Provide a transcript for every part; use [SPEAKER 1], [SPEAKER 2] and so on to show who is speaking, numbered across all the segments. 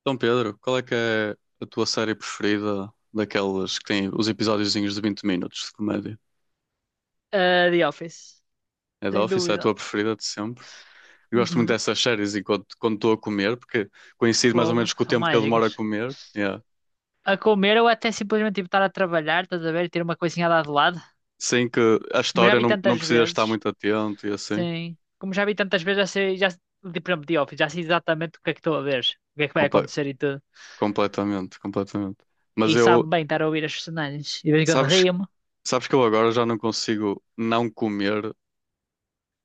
[SPEAKER 1] Então, Pedro, qual é que é a tua série preferida daquelas que têm os episódiozinhos de 20 minutos de comédia?
[SPEAKER 2] Ah, The Office,
[SPEAKER 1] É The
[SPEAKER 2] sem
[SPEAKER 1] Office, é a
[SPEAKER 2] dúvida.
[SPEAKER 1] tua preferida de sempre? Eu gosto muito
[SPEAKER 2] Uhum.
[SPEAKER 1] dessas séries enquanto quando estou a comer, porque coincide mais ou
[SPEAKER 2] Fogo,
[SPEAKER 1] menos com o
[SPEAKER 2] são
[SPEAKER 1] tempo que eu demoro a
[SPEAKER 2] mágicas.
[SPEAKER 1] comer. Yeah.
[SPEAKER 2] A comer ou até simplesmente tipo, estar a trabalhar, estás a ver, e ter uma coisinha lá de lado.
[SPEAKER 1] Sem que a
[SPEAKER 2] Como já
[SPEAKER 1] história
[SPEAKER 2] vi
[SPEAKER 1] não, não
[SPEAKER 2] tantas
[SPEAKER 1] precisa estar
[SPEAKER 2] vezes,
[SPEAKER 1] muito atento e assim.
[SPEAKER 2] sim. Como já vi tantas vezes, já sei, já, por exemplo, The Office, já sei exatamente o que é que estou a ver, o que é que vai
[SPEAKER 1] Comple-
[SPEAKER 2] acontecer e tudo.
[SPEAKER 1] Completamente, completamente.
[SPEAKER 2] E
[SPEAKER 1] Mas eu,
[SPEAKER 2] sabe bem estar a ouvir as personagens. E de vez em quando
[SPEAKER 1] sabes,
[SPEAKER 2] rio-me.
[SPEAKER 1] sabes que eu agora já não consigo não comer,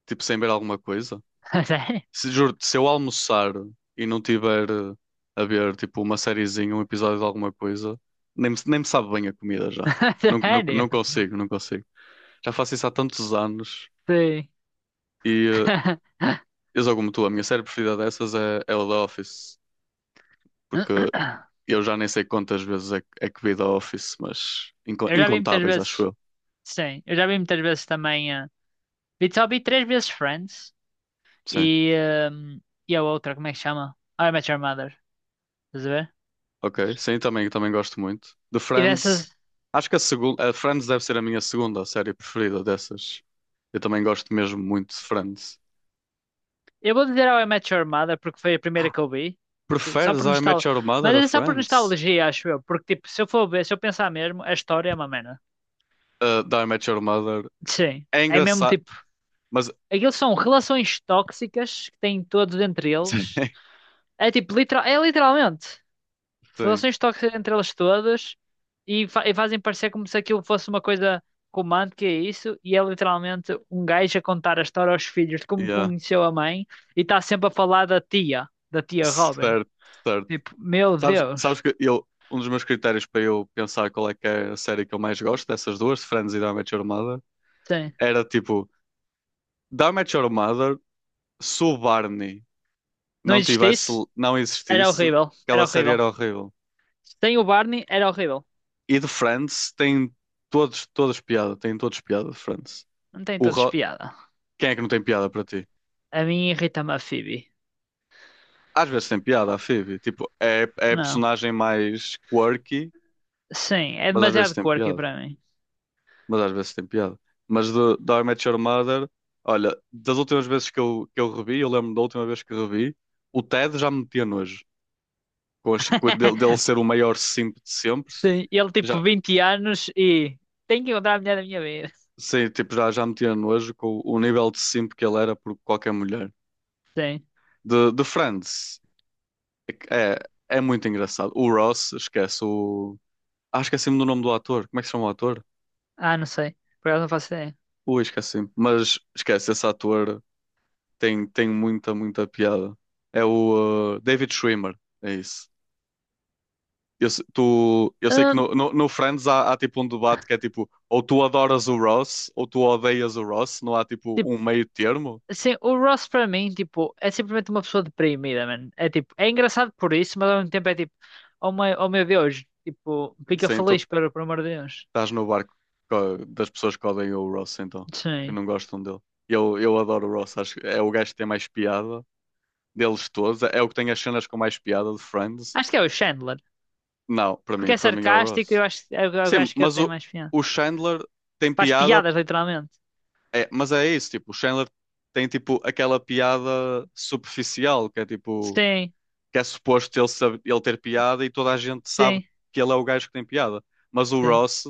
[SPEAKER 1] tipo, sem ver alguma coisa?
[SPEAKER 2] Sério?
[SPEAKER 1] Se, juro se eu almoçar e não tiver a ver tipo uma sériezinha, um episódio de alguma coisa, nem me sabe bem a comida já. Não, não,
[SPEAKER 2] Sério?
[SPEAKER 1] não consigo. Já faço isso há tantos anos
[SPEAKER 2] Sim.
[SPEAKER 1] e eu sou como tu, a minha série preferida dessas é o The Office, porque eu já nem sei quantas vezes é que vi The Office, mas
[SPEAKER 2] Eu já vi muitas
[SPEAKER 1] incontáveis, acho
[SPEAKER 2] vezes,
[SPEAKER 1] eu.
[SPEAKER 2] sim. Eu já vi muitas vezes também. Só vi três vezes Friends.
[SPEAKER 1] Sim.
[SPEAKER 2] e, ehm, e a outra, como é que chama? How I Met Your Mother, estás a ver?
[SPEAKER 1] Ok, sim, também gosto muito. De
[SPEAKER 2] E dessas,
[SPEAKER 1] Friends, acho que a segunda, a Friends deve ser a minha segunda série preferida dessas. Eu também gosto mesmo muito de Friends.
[SPEAKER 2] eu vou dizer How I Met Your Mother porque foi a primeira que eu vi, só
[SPEAKER 1] Preferes
[SPEAKER 2] por
[SPEAKER 1] I Met
[SPEAKER 2] nostalgia,
[SPEAKER 1] Your Mother
[SPEAKER 2] mas
[SPEAKER 1] a
[SPEAKER 2] é só por
[SPEAKER 1] Friends?
[SPEAKER 2] nostalgia, acho eu, porque tipo, se eu for ver, se eu pensar mesmo, a história é uma merda.
[SPEAKER 1] De I Met Your Mother
[SPEAKER 2] Sim,
[SPEAKER 1] é
[SPEAKER 2] é mesmo
[SPEAKER 1] engraçado,
[SPEAKER 2] tipo,
[SPEAKER 1] mas
[SPEAKER 2] aqueles são relações tóxicas que têm todos entre
[SPEAKER 1] sim,
[SPEAKER 2] eles, é tipo, literal, é literalmente.
[SPEAKER 1] sim,
[SPEAKER 2] Relações tóxicas entre elas todas e fazem parecer como se aquilo fosse uma coisa romântica, é isso, e é literalmente um gajo a contar a história aos filhos de como
[SPEAKER 1] yeah.
[SPEAKER 2] conheceu a mãe e está sempre a falar da tia Robin.
[SPEAKER 1] Certo, certo.
[SPEAKER 2] Tipo, meu
[SPEAKER 1] Sabes,
[SPEAKER 2] Deus.
[SPEAKER 1] sabes que eu, um dos meus critérios para eu pensar qual é que é a série que eu mais gosto dessas duas, de Friends e de I Met Your Mother,
[SPEAKER 2] Sim.
[SPEAKER 1] era tipo, de I Met Your Mother, sou Barney.
[SPEAKER 2] Não
[SPEAKER 1] Não tivesse,
[SPEAKER 2] existisse,
[SPEAKER 1] não
[SPEAKER 2] era
[SPEAKER 1] existisse,
[SPEAKER 2] horrível,
[SPEAKER 1] aquela
[SPEAKER 2] era
[SPEAKER 1] série
[SPEAKER 2] horrível.
[SPEAKER 1] era horrível.
[SPEAKER 2] Sem o Barney, era horrível.
[SPEAKER 1] E de Friends tem todos, todos piada, tem todos piada de Friends.
[SPEAKER 2] Não tem
[SPEAKER 1] O
[SPEAKER 2] todos
[SPEAKER 1] Ro-
[SPEAKER 2] piada.
[SPEAKER 1] Quem é que não tem piada para ti?
[SPEAKER 2] A mim irrita-me a Phoebe.
[SPEAKER 1] Às vezes tem piada, a Phoebe. Tipo, é a
[SPEAKER 2] Não.
[SPEAKER 1] personagem mais quirky,
[SPEAKER 2] Sim, é
[SPEAKER 1] mas às vezes
[SPEAKER 2] demasiado
[SPEAKER 1] tem
[SPEAKER 2] quirky
[SPEAKER 1] piada.
[SPEAKER 2] para mim.
[SPEAKER 1] Mas às vezes tem piada. Mas do I Met Your Mother, olha, das últimas vezes que eu revi, eu lembro da última vez que revi, o Ted já me metia nojo. Com, dele, dele ser o maior simp de sempre,
[SPEAKER 2] Sim, ele tipo
[SPEAKER 1] já,
[SPEAKER 2] 20 anos e tem que encontrar a mulher da minha vida.
[SPEAKER 1] Sim, tipo, já, já me tinha nojo com o, nível de simp que ele era por qualquer mulher.
[SPEAKER 2] Sim.
[SPEAKER 1] De Friends, é, é muito engraçado. O Ross, esquece, o... Ah, esqueci-me do nome do ator. Como é que se chama o ator?
[SPEAKER 2] Ah, não sei. Por acaso não faço ideia.
[SPEAKER 1] Ui, esqueci-me. Mas, esquece, esse ator tem, tem muita piada. É o David Schwimmer, é isso. Eu, tu, eu sei que
[SPEAKER 2] Ah,
[SPEAKER 1] no Friends há, há tipo um debate que é tipo, ou tu adoras o Ross, ou tu odeias o Ross, não há tipo
[SPEAKER 2] tipo,
[SPEAKER 1] um meio termo.
[SPEAKER 2] assim, o Ross para mim, tipo, é simplesmente uma pessoa deprimida, mano. É tipo, é engraçado por isso, mas ao mesmo tempo é tipo, oh meu Deus, tipo, fica
[SPEAKER 1] Sim,
[SPEAKER 2] feliz, pelo amor de Deus.
[SPEAKER 1] Estás no barco das pessoas que odeiam o Ross, então, que
[SPEAKER 2] Sim.
[SPEAKER 1] não gostam dele. Eu adoro o Ross, acho que é o gajo que tem mais piada deles todos, é o que tem as cenas com mais piada de Friends.
[SPEAKER 2] Acho que é o Chandler.
[SPEAKER 1] Não, para
[SPEAKER 2] Porque
[SPEAKER 1] mim,
[SPEAKER 2] é
[SPEAKER 1] para mim é o
[SPEAKER 2] sarcástico e
[SPEAKER 1] Ross.
[SPEAKER 2] eu acho, eu
[SPEAKER 1] Sim,
[SPEAKER 2] acho que ele
[SPEAKER 1] mas
[SPEAKER 2] tem mais piada.
[SPEAKER 1] o Chandler tem
[SPEAKER 2] Faz
[SPEAKER 1] piada,
[SPEAKER 2] piadas, literalmente.
[SPEAKER 1] é, mas é isso, tipo, o Chandler tem tipo aquela piada superficial, que é tipo,
[SPEAKER 2] Sim,
[SPEAKER 1] que é suposto ele, saber, ele ter piada e toda a gente sabe
[SPEAKER 2] sim,
[SPEAKER 1] que ele é o gajo que tem piada. Mas o
[SPEAKER 2] sim.
[SPEAKER 1] Ross.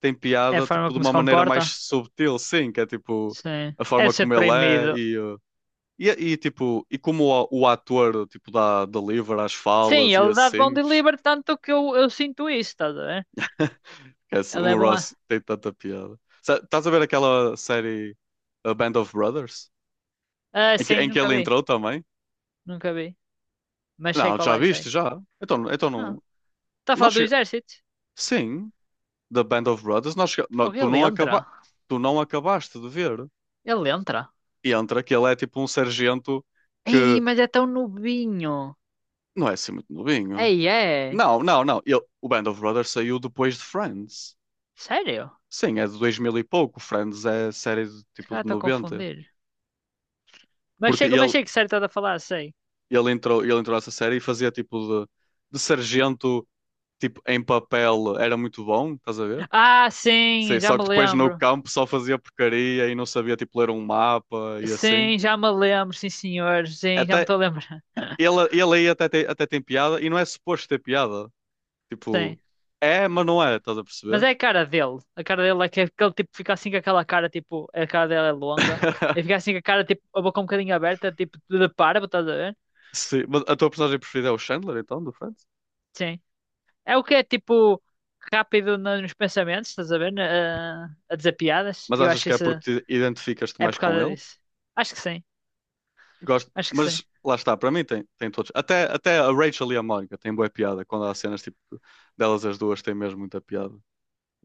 [SPEAKER 1] Tem
[SPEAKER 2] É a
[SPEAKER 1] piada,
[SPEAKER 2] forma
[SPEAKER 1] tipo, de
[SPEAKER 2] como se
[SPEAKER 1] uma maneira
[SPEAKER 2] comporta.
[SPEAKER 1] mais subtil, sim, que é tipo
[SPEAKER 2] Sim.
[SPEAKER 1] a
[SPEAKER 2] É
[SPEAKER 1] forma
[SPEAKER 2] ser
[SPEAKER 1] como ele é
[SPEAKER 2] deprimido.
[SPEAKER 1] e e, tipo, e como o ator, tipo, dá deliver as
[SPEAKER 2] Sim,
[SPEAKER 1] falas e
[SPEAKER 2] ele dá de bom
[SPEAKER 1] assim.
[SPEAKER 2] delivery, tanto que eu sinto isso, estás a ver?
[SPEAKER 1] Esquece,
[SPEAKER 2] Ele é
[SPEAKER 1] o
[SPEAKER 2] bom.
[SPEAKER 1] Ross tem tanta piada. Estás a ver aquela série A Band of Brothers?
[SPEAKER 2] Ah, sim,
[SPEAKER 1] Em que
[SPEAKER 2] nunca
[SPEAKER 1] ele
[SPEAKER 2] vi.
[SPEAKER 1] entrou também?
[SPEAKER 2] Nunca vi. Mas sei
[SPEAKER 1] Não,
[SPEAKER 2] qual
[SPEAKER 1] já
[SPEAKER 2] é,
[SPEAKER 1] viste,
[SPEAKER 2] sei.
[SPEAKER 1] já. Então, então
[SPEAKER 2] Ah,
[SPEAKER 1] não.
[SPEAKER 2] está a falar
[SPEAKER 1] Nós
[SPEAKER 2] do
[SPEAKER 1] chega-
[SPEAKER 2] exército?
[SPEAKER 1] Sim, da Band of Brothers,
[SPEAKER 2] Fogo,
[SPEAKER 1] tu,
[SPEAKER 2] ele
[SPEAKER 1] não
[SPEAKER 2] entra.
[SPEAKER 1] acaba... tu não acabaste de ver.
[SPEAKER 2] Ele entra.
[SPEAKER 1] E entra que ele é tipo um sargento
[SPEAKER 2] Ei,
[SPEAKER 1] que
[SPEAKER 2] mas é tão novinho.
[SPEAKER 1] Não é assim muito novinho.
[SPEAKER 2] Ei, é.
[SPEAKER 1] Não, não, não. O Band of Brothers saiu depois de Friends.
[SPEAKER 2] Sério?
[SPEAKER 1] Sim, é de 2000 e pouco. Friends é série de,
[SPEAKER 2] Esse
[SPEAKER 1] tipo
[SPEAKER 2] cara
[SPEAKER 1] de
[SPEAKER 2] está a
[SPEAKER 1] 90.
[SPEAKER 2] confundir.
[SPEAKER 1] Porque
[SPEAKER 2] Mas
[SPEAKER 1] ele,
[SPEAKER 2] sei que sério estás a falar, sei.
[SPEAKER 1] ele entrou nessa série e fazia tipo de sargento, tipo em papel, era muito bom, estás a ver?
[SPEAKER 2] Ah, sim,
[SPEAKER 1] Sim,
[SPEAKER 2] já
[SPEAKER 1] só
[SPEAKER 2] me
[SPEAKER 1] que depois no
[SPEAKER 2] lembro.
[SPEAKER 1] campo só fazia porcaria e não sabia tipo ler um mapa e assim.
[SPEAKER 2] Sim, já me lembro, sim, senhor. Sim, já me
[SPEAKER 1] Até
[SPEAKER 2] estou a lembrar.
[SPEAKER 1] ele, ele aí até tem piada e não é suposto ter piada.
[SPEAKER 2] Sim.
[SPEAKER 1] Tipo, é, mas não é, estás a
[SPEAKER 2] Mas
[SPEAKER 1] perceber?
[SPEAKER 2] é a cara dele. A cara dele é que é aquele tipo fica assim com aquela cara, tipo, a cara dele é longa. Ele fica assim com a cara, tipo, a boca um bocadinho aberta, tipo, de parvo, estás a ver?
[SPEAKER 1] Sim, mas a tua personagem preferida é o Chandler, então, do Friends?
[SPEAKER 2] Sim. É o que é, tipo, rápido nos pensamentos, estás a ver? A dizer piadas.
[SPEAKER 1] Mas
[SPEAKER 2] E eu
[SPEAKER 1] achas
[SPEAKER 2] acho
[SPEAKER 1] que é
[SPEAKER 2] isso.
[SPEAKER 1] porque te identificas-te
[SPEAKER 2] É
[SPEAKER 1] mais
[SPEAKER 2] por
[SPEAKER 1] com
[SPEAKER 2] causa
[SPEAKER 1] ele?
[SPEAKER 2] disso. Acho que sim.
[SPEAKER 1] Gosto,
[SPEAKER 2] Acho que sim.
[SPEAKER 1] mas lá está, para mim tem, tem todos. Até, até a Rachel e a Mónica têm boa piada, quando há cenas tipo delas as duas têm mesmo muita piada.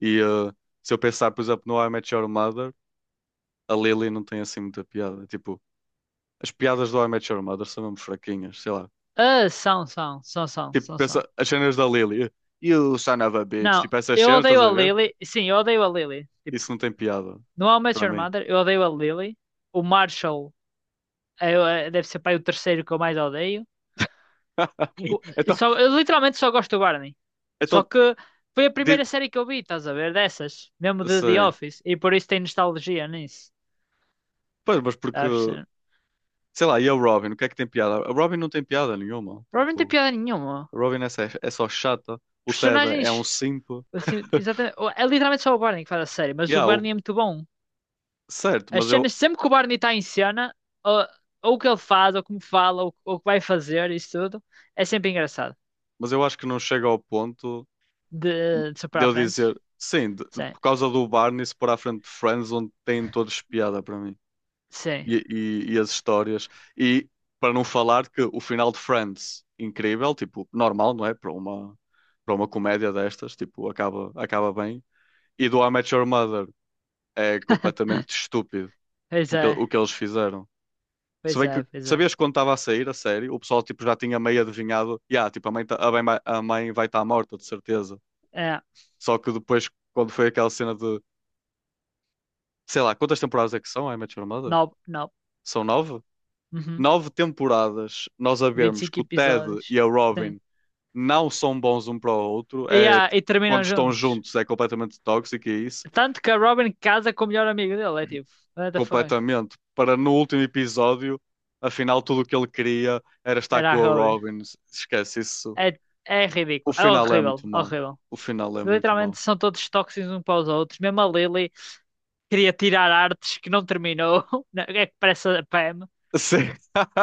[SPEAKER 1] E eh, Se eu pensar, por exemplo, no How I Met Your Mother, a Lily não tem assim muita piada. Tipo, as piadas do How I Met Your Mother são mesmo fraquinhas, sei lá.
[SPEAKER 2] Ah, são, são, são, são,
[SPEAKER 1] Tipo,
[SPEAKER 2] são, são.
[SPEAKER 1] pensa, as cenas da Lily, You son of a bitch,
[SPEAKER 2] Não,
[SPEAKER 1] tipo essas
[SPEAKER 2] eu
[SPEAKER 1] cenas,
[SPEAKER 2] odeio
[SPEAKER 1] estás
[SPEAKER 2] a
[SPEAKER 1] a ver?
[SPEAKER 2] Lily. Sim, eu odeio a Lily. Tipo,
[SPEAKER 1] Isso não tem piada,
[SPEAKER 2] no How I Met
[SPEAKER 1] para
[SPEAKER 2] Your
[SPEAKER 1] mim.
[SPEAKER 2] Mother, eu odeio a Lily. O Marshall é, deve ser pai o terceiro que eu mais odeio. o-
[SPEAKER 1] Então,
[SPEAKER 2] Só, eu literalmente só gosto do Barney. Só
[SPEAKER 1] então
[SPEAKER 2] que foi a primeira série que eu vi, estás a ver? Dessas. Mesmo de The
[SPEAKER 1] Sei.
[SPEAKER 2] Office. E por isso tem nostalgia nisso.
[SPEAKER 1] Pois, mas porque,
[SPEAKER 2] Acho que
[SPEAKER 1] sei lá, e a Robin, o que é que tem piada? A Robin não tem piada nenhuma.
[SPEAKER 2] provavelmente tem
[SPEAKER 1] Tipo,
[SPEAKER 2] piada nenhuma.
[SPEAKER 1] a Robin é, é só chata. O Ted é um
[SPEAKER 2] Personagens.
[SPEAKER 1] simp.
[SPEAKER 2] Assim, exatamente. É literalmente só o Barney que faz a série, mas o
[SPEAKER 1] Yeah,
[SPEAKER 2] Barney é muito bom.
[SPEAKER 1] certo,
[SPEAKER 2] As cenas, sempre que o Barney está em cena, ou, ou o que ele faz, ou como fala, ou o que vai fazer, isso tudo, é sempre engraçado.
[SPEAKER 1] mas eu acho que não chega ao ponto
[SPEAKER 2] De super
[SPEAKER 1] de
[SPEAKER 2] à
[SPEAKER 1] eu
[SPEAKER 2] frente.
[SPEAKER 1] dizer, sim,
[SPEAKER 2] Sim.
[SPEAKER 1] por causa do Barney se pôr à frente de Friends, onde têm todos piada para mim.
[SPEAKER 2] Sim.
[SPEAKER 1] E as histórias. E para não falar que o final de Friends, incrível, tipo, normal, não é? Para uma comédia destas, tipo, acaba, acaba bem. E do I Met Your Mother é completamente estúpido
[SPEAKER 2] Pois é.
[SPEAKER 1] o que eles fizeram. Se
[SPEAKER 2] Pois
[SPEAKER 1] bem
[SPEAKER 2] é,
[SPEAKER 1] que
[SPEAKER 2] pois é.
[SPEAKER 1] sabias quando estava a sair a série, o pessoal tipo, já tinha meio adivinhado, yeah, tipo, a mãe, a mãe vai estar morta, de certeza.
[SPEAKER 2] É.
[SPEAKER 1] Só que depois, quando foi aquela cena de, sei lá, quantas temporadas é que são, I Met Your Mother?
[SPEAKER 2] Não, não.
[SPEAKER 1] São nove? Nove temporadas nós a vermos
[SPEAKER 2] 25
[SPEAKER 1] que o Ted
[SPEAKER 2] episódios.
[SPEAKER 1] e a
[SPEAKER 2] Sim.
[SPEAKER 1] Robin não são bons um para o outro,
[SPEAKER 2] E,
[SPEAKER 1] é,
[SPEAKER 2] ah, e
[SPEAKER 1] quando
[SPEAKER 2] terminam
[SPEAKER 1] estão
[SPEAKER 2] juntos.
[SPEAKER 1] juntos é completamente tóxico e é isso.
[SPEAKER 2] Tanto que a Robin casa com o melhor amigo dele. É tipo, what the fuck?
[SPEAKER 1] Completamente para no último episódio, afinal, tudo o que ele queria era estar
[SPEAKER 2] Era
[SPEAKER 1] com
[SPEAKER 2] a
[SPEAKER 1] a
[SPEAKER 2] Robin.
[SPEAKER 1] Robin. Esquece isso.
[SPEAKER 2] É, é
[SPEAKER 1] O
[SPEAKER 2] ridículo. É
[SPEAKER 1] final é
[SPEAKER 2] horrível.
[SPEAKER 1] muito mau.
[SPEAKER 2] Horrível.
[SPEAKER 1] O final é muito
[SPEAKER 2] Literalmente
[SPEAKER 1] mau.
[SPEAKER 2] são todos tóxicos uns para os outros. Mesmo a Lily queria tirar artes que não terminou. Não, é que parece a Pam.
[SPEAKER 1] Sim,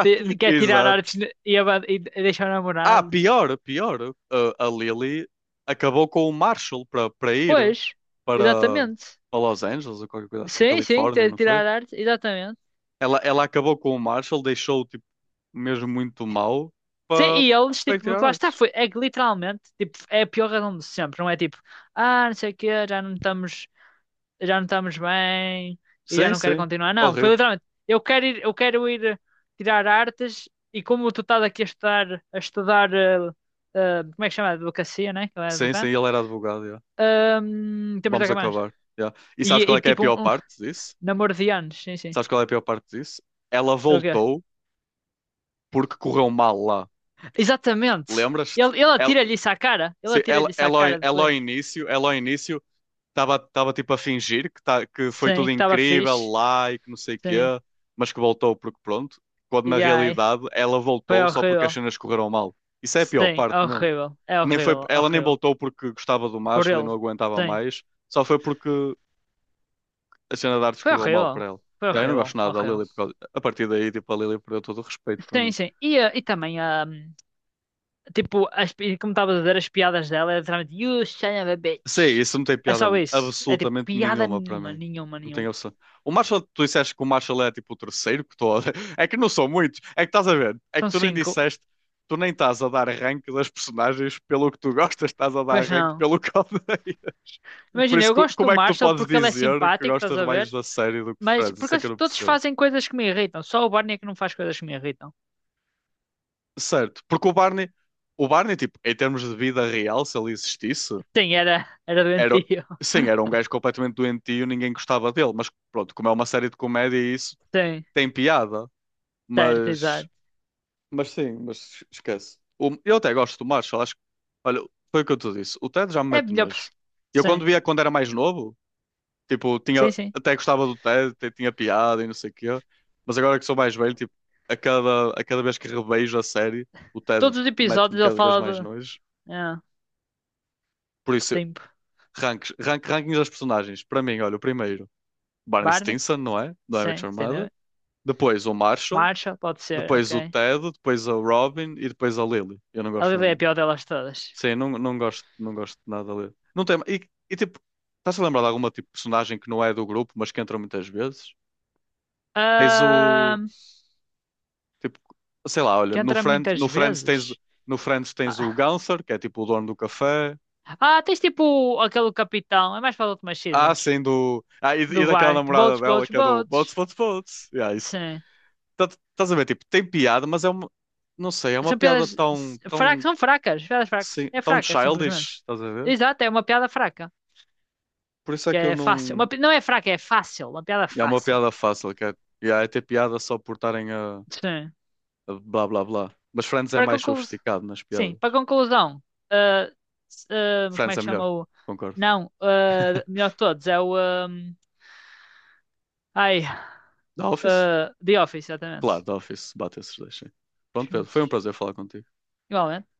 [SPEAKER 2] Quer tirar
[SPEAKER 1] exato.
[SPEAKER 2] artes e deixar o
[SPEAKER 1] Ah,
[SPEAKER 2] namorado.
[SPEAKER 1] pior, pior. A Lily acabou com o Marshall para
[SPEAKER 2] Pois,
[SPEAKER 1] para,
[SPEAKER 2] exatamente.
[SPEAKER 1] para Los Angeles ou qualquer coisa assim,
[SPEAKER 2] Sim, sim,
[SPEAKER 1] Califórnia, não foi?
[SPEAKER 2] tirar artes, exatamente.
[SPEAKER 1] Ela acabou com o Marshall, deixou-o tipo, mesmo muito mau
[SPEAKER 2] Sim,
[SPEAKER 1] para
[SPEAKER 2] e eles,
[SPEAKER 1] para ir
[SPEAKER 2] tipo,
[SPEAKER 1] tirar
[SPEAKER 2] porque lá está,
[SPEAKER 1] artes.
[SPEAKER 2] foi, é que literalmente, tipo, é a pior razão de sempre, não é tipo, ah, não sei o quê, já não estamos bem e já
[SPEAKER 1] Sim,
[SPEAKER 2] não quero
[SPEAKER 1] sim.
[SPEAKER 2] continuar. Não, foi
[SPEAKER 1] Horrível.
[SPEAKER 2] literalmente, eu quero ir tirar artes e como tu estás aqui a estudar, como é que chama? Advocacia, né? Que eu era
[SPEAKER 1] Sim, sim,
[SPEAKER 2] advogado.
[SPEAKER 1] ele era advogado. Yeah.
[SPEAKER 2] Temos de
[SPEAKER 1] Vamos
[SPEAKER 2] acabar.
[SPEAKER 1] acabar. Yeah. E sabes qual
[SPEAKER 2] E
[SPEAKER 1] é que é a
[SPEAKER 2] tipo,
[SPEAKER 1] pior
[SPEAKER 2] um
[SPEAKER 1] parte disso?
[SPEAKER 2] namoro de anos, sim, sim.
[SPEAKER 1] Sabes qual é a pior parte disso? Ela
[SPEAKER 2] É o quê?
[SPEAKER 1] voltou porque correu mal lá.
[SPEAKER 2] Exatamente. Ele,
[SPEAKER 1] Lembras-te?
[SPEAKER 2] ele
[SPEAKER 1] Ela,
[SPEAKER 2] atira-lhe isso à cara, ele
[SPEAKER 1] sim,
[SPEAKER 2] atira-lhe
[SPEAKER 1] ela,
[SPEAKER 2] isso à
[SPEAKER 1] ela, ao- in-
[SPEAKER 2] cara depois.
[SPEAKER 1] ela ao início estava estava tipo a fingir que, tá, que foi
[SPEAKER 2] Sim,
[SPEAKER 1] tudo
[SPEAKER 2] que estava
[SPEAKER 1] incrível
[SPEAKER 2] fixe.
[SPEAKER 1] lá e que não sei o quê,
[SPEAKER 2] Sim.
[SPEAKER 1] mas que voltou porque pronto. Quando na
[SPEAKER 2] E ai,
[SPEAKER 1] realidade ela
[SPEAKER 2] foi
[SPEAKER 1] voltou só porque as
[SPEAKER 2] horrível.
[SPEAKER 1] cenas correram mal. Isso é a pior
[SPEAKER 2] Sim,
[SPEAKER 1] parte mesmo.
[SPEAKER 2] horrível. É
[SPEAKER 1] Nem foi,
[SPEAKER 2] horrível,
[SPEAKER 1] ela nem
[SPEAKER 2] horrível.
[SPEAKER 1] voltou porque gostava do
[SPEAKER 2] Por
[SPEAKER 1] Marshall e
[SPEAKER 2] ele.
[SPEAKER 1] não aguentava
[SPEAKER 2] Sim.
[SPEAKER 1] mais. Só foi porque a cena de artes
[SPEAKER 2] Foi
[SPEAKER 1] correu mal para
[SPEAKER 2] horrível.
[SPEAKER 1] ela.
[SPEAKER 2] Foi
[SPEAKER 1] Yeah, eu não
[SPEAKER 2] horrível,
[SPEAKER 1] gosto nada da
[SPEAKER 2] horrível.
[SPEAKER 1] Lily, porque a partir daí, tipo, a Lily perdeu todo o respeito para
[SPEAKER 2] Sim,
[SPEAKER 1] mim.
[SPEAKER 2] sim. E, e também, ah, tipo, como estava a dizer, as piadas dela é literalmente You son of a bitch.
[SPEAKER 1] Sim, isso não tem
[SPEAKER 2] É
[SPEAKER 1] piada
[SPEAKER 2] só isso. É tipo,
[SPEAKER 1] absolutamente
[SPEAKER 2] piada
[SPEAKER 1] nenhuma para
[SPEAKER 2] nenhuma,
[SPEAKER 1] mim.
[SPEAKER 2] nenhuma,
[SPEAKER 1] Não tem
[SPEAKER 2] nenhuma.
[SPEAKER 1] opção. O Marshall, tu disseste que o Marshall é tipo o terceiro que estou a... É que não são muitos. É que estás a ver? É que
[SPEAKER 2] São
[SPEAKER 1] tu nem
[SPEAKER 2] cinco.
[SPEAKER 1] disseste, tu nem estás a dar rank das personagens pelo que tu gostas, estás a dar
[SPEAKER 2] Pois
[SPEAKER 1] rank
[SPEAKER 2] não.
[SPEAKER 1] pelo que odeias. Por
[SPEAKER 2] Imagina,
[SPEAKER 1] isso,
[SPEAKER 2] eu gosto do
[SPEAKER 1] como é que tu
[SPEAKER 2] Marshall
[SPEAKER 1] podes
[SPEAKER 2] porque ele é
[SPEAKER 1] dizer que
[SPEAKER 2] simpático, estás
[SPEAKER 1] gostas
[SPEAKER 2] a ver?
[SPEAKER 1] mais da série do que de
[SPEAKER 2] Mas
[SPEAKER 1] Friends?
[SPEAKER 2] porque
[SPEAKER 1] Isso é que
[SPEAKER 2] eles
[SPEAKER 1] eu não
[SPEAKER 2] todos
[SPEAKER 1] percebo.
[SPEAKER 2] fazem coisas que me irritam. Só o Barney é que não faz coisas que me irritam.
[SPEAKER 1] Certo, porque o Barney, tipo, em termos de vida real, se ele existisse,
[SPEAKER 2] Sim, era, era
[SPEAKER 1] era,
[SPEAKER 2] doentio.
[SPEAKER 1] sim, era um gajo completamente doentio, ninguém gostava dele, mas pronto, como é uma série de comédia, isso
[SPEAKER 2] Sim,
[SPEAKER 1] tem piada,
[SPEAKER 2] certo,
[SPEAKER 1] mas,
[SPEAKER 2] exato.
[SPEAKER 1] mas sim, mas esquece. Eu até gosto do Marshall, acho que, olha, foi o que eu te disse, o Ted já me
[SPEAKER 2] É
[SPEAKER 1] mete
[SPEAKER 2] melhor.
[SPEAKER 1] nojo. Eu quando
[SPEAKER 2] Sim,
[SPEAKER 1] via quando era mais novo, tipo, tinha,
[SPEAKER 2] sim, sim.
[SPEAKER 1] até gostava do Ted, até tinha piada e não sei o quê, mas agora que sou mais velho, tipo, a cada vez que revejo a série, o Ted
[SPEAKER 2] Todos os
[SPEAKER 1] mete-me
[SPEAKER 2] episódios ele
[SPEAKER 1] cada vez mais
[SPEAKER 2] fala
[SPEAKER 1] nojo.
[SPEAKER 2] de. É,
[SPEAKER 1] Por isso,
[SPEAKER 2] Stimp.
[SPEAKER 1] ranks, rank, rankings das personagens. Para mim, olha, o primeiro, Barney
[SPEAKER 2] Barney?
[SPEAKER 1] Stinson, não é? Do I Met
[SPEAKER 2] Sim,
[SPEAKER 1] Your Mother.
[SPEAKER 2] entendeu?
[SPEAKER 1] Depois o Marshall,
[SPEAKER 2] Marshall, pode ser,
[SPEAKER 1] depois o
[SPEAKER 2] ok.
[SPEAKER 1] Ted, depois o Robin e depois a Lily. Eu não
[SPEAKER 2] A
[SPEAKER 1] gosto.
[SPEAKER 2] Lily é a pior delas todas.
[SPEAKER 1] Sim, não, não gosto, não gosto de nada dele. Não tem, e tipo, estás a lembrar de alguma tipo, personagem que não é do grupo, mas que entra muitas vezes? Tens o.
[SPEAKER 2] Ahn,
[SPEAKER 1] Tipo, sei lá, olha,
[SPEAKER 2] que entra muitas
[SPEAKER 1] No Friends tens.
[SPEAKER 2] vezes.
[SPEAKER 1] No Friends tens o
[SPEAKER 2] Ah,
[SPEAKER 1] Gunther, que é tipo o dono do café.
[SPEAKER 2] ah, tens tipo aquele capitão, é mais para as últimas
[SPEAKER 1] Ah,
[SPEAKER 2] seasons.
[SPEAKER 1] sim, do. Ah, e
[SPEAKER 2] Do
[SPEAKER 1] daquela
[SPEAKER 2] bar, de
[SPEAKER 1] namorada
[SPEAKER 2] boats,
[SPEAKER 1] dela
[SPEAKER 2] boats,
[SPEAKER 1] que é do Bots,
[SPEAKER 2] boats.
[SPEAKER 1] Bots, Bots. Yeah, isso.
[SPEAKER 2] Sim.
[SPEAKER 1] tá- Estás a ver, tipo, tem piada, mas é uma, não sei, é uma piada tão,
[SPEAKER 2] Fracas,
[SPEAKER 1] tão,
[SPEAKER 2] são fracas, piadas fracas.
[SPEAKER 1] assim,
[SPEAKER 2] É
[SPEAKER 1] tão
[SPEAKER 2] fraca, simplesmente.
[SPEAKER 1] childish, estás a ver?
[SPEAKER 2] Exato, é uma piada fraca.
[SPEAKER 1] Por isso é
[SPEAKER 2] Que
[SPEAKER 1] que eu
[SPEAKER 2] é fácil.
[SPEAKER 1] não,
[SPEAKER 2] Não é fraca, é fácil. Uma piada
[SPEAKER 1] é uma
[SPEAKER 2] fácil.
[SPEAKER 1] piada fácil, que é, yeah, é ter piada só por estarem
[SPEAKER 2] Sim.
[SPEAKER 1] a blá blá blá. Mas Friends é
[SPEAKER 2] Para
[SPEAKER 1] mais
[SPEAKER 2] conclu...
[SPEAKER 1] sofisticado nas
[SPEAKER 2] Sim,
[SPEAKER 1] piadas.
[SPEAKER 2] para conclusão, ah, ah, como
[SPEAKER 1] Friends
[SPEAKER 2] é
[SPEAKER 1] é
[SPEAKER 2] que
[SPEAKER 1] melhor,
[SPEAKER 2] chama o.
[SPEAKER 1] concordo.
[SPEAKER 2] Não, ah, melhor de todos, é o. ah, ai,
[SPEAKER 1] The Office?
[SPEAKER 2] ah, The Office,
[SPEAKER 1] Claro,
[SPEAKER 2] exatamente.
[SPEAKER 1] The Office, bate esses dois, sim. Pronto, Pedro, foi um
[SPEAKER 2] Excelente.
[SPEAKER 1] prazer falar contigo.
[SPEAKER 2] Igualmente.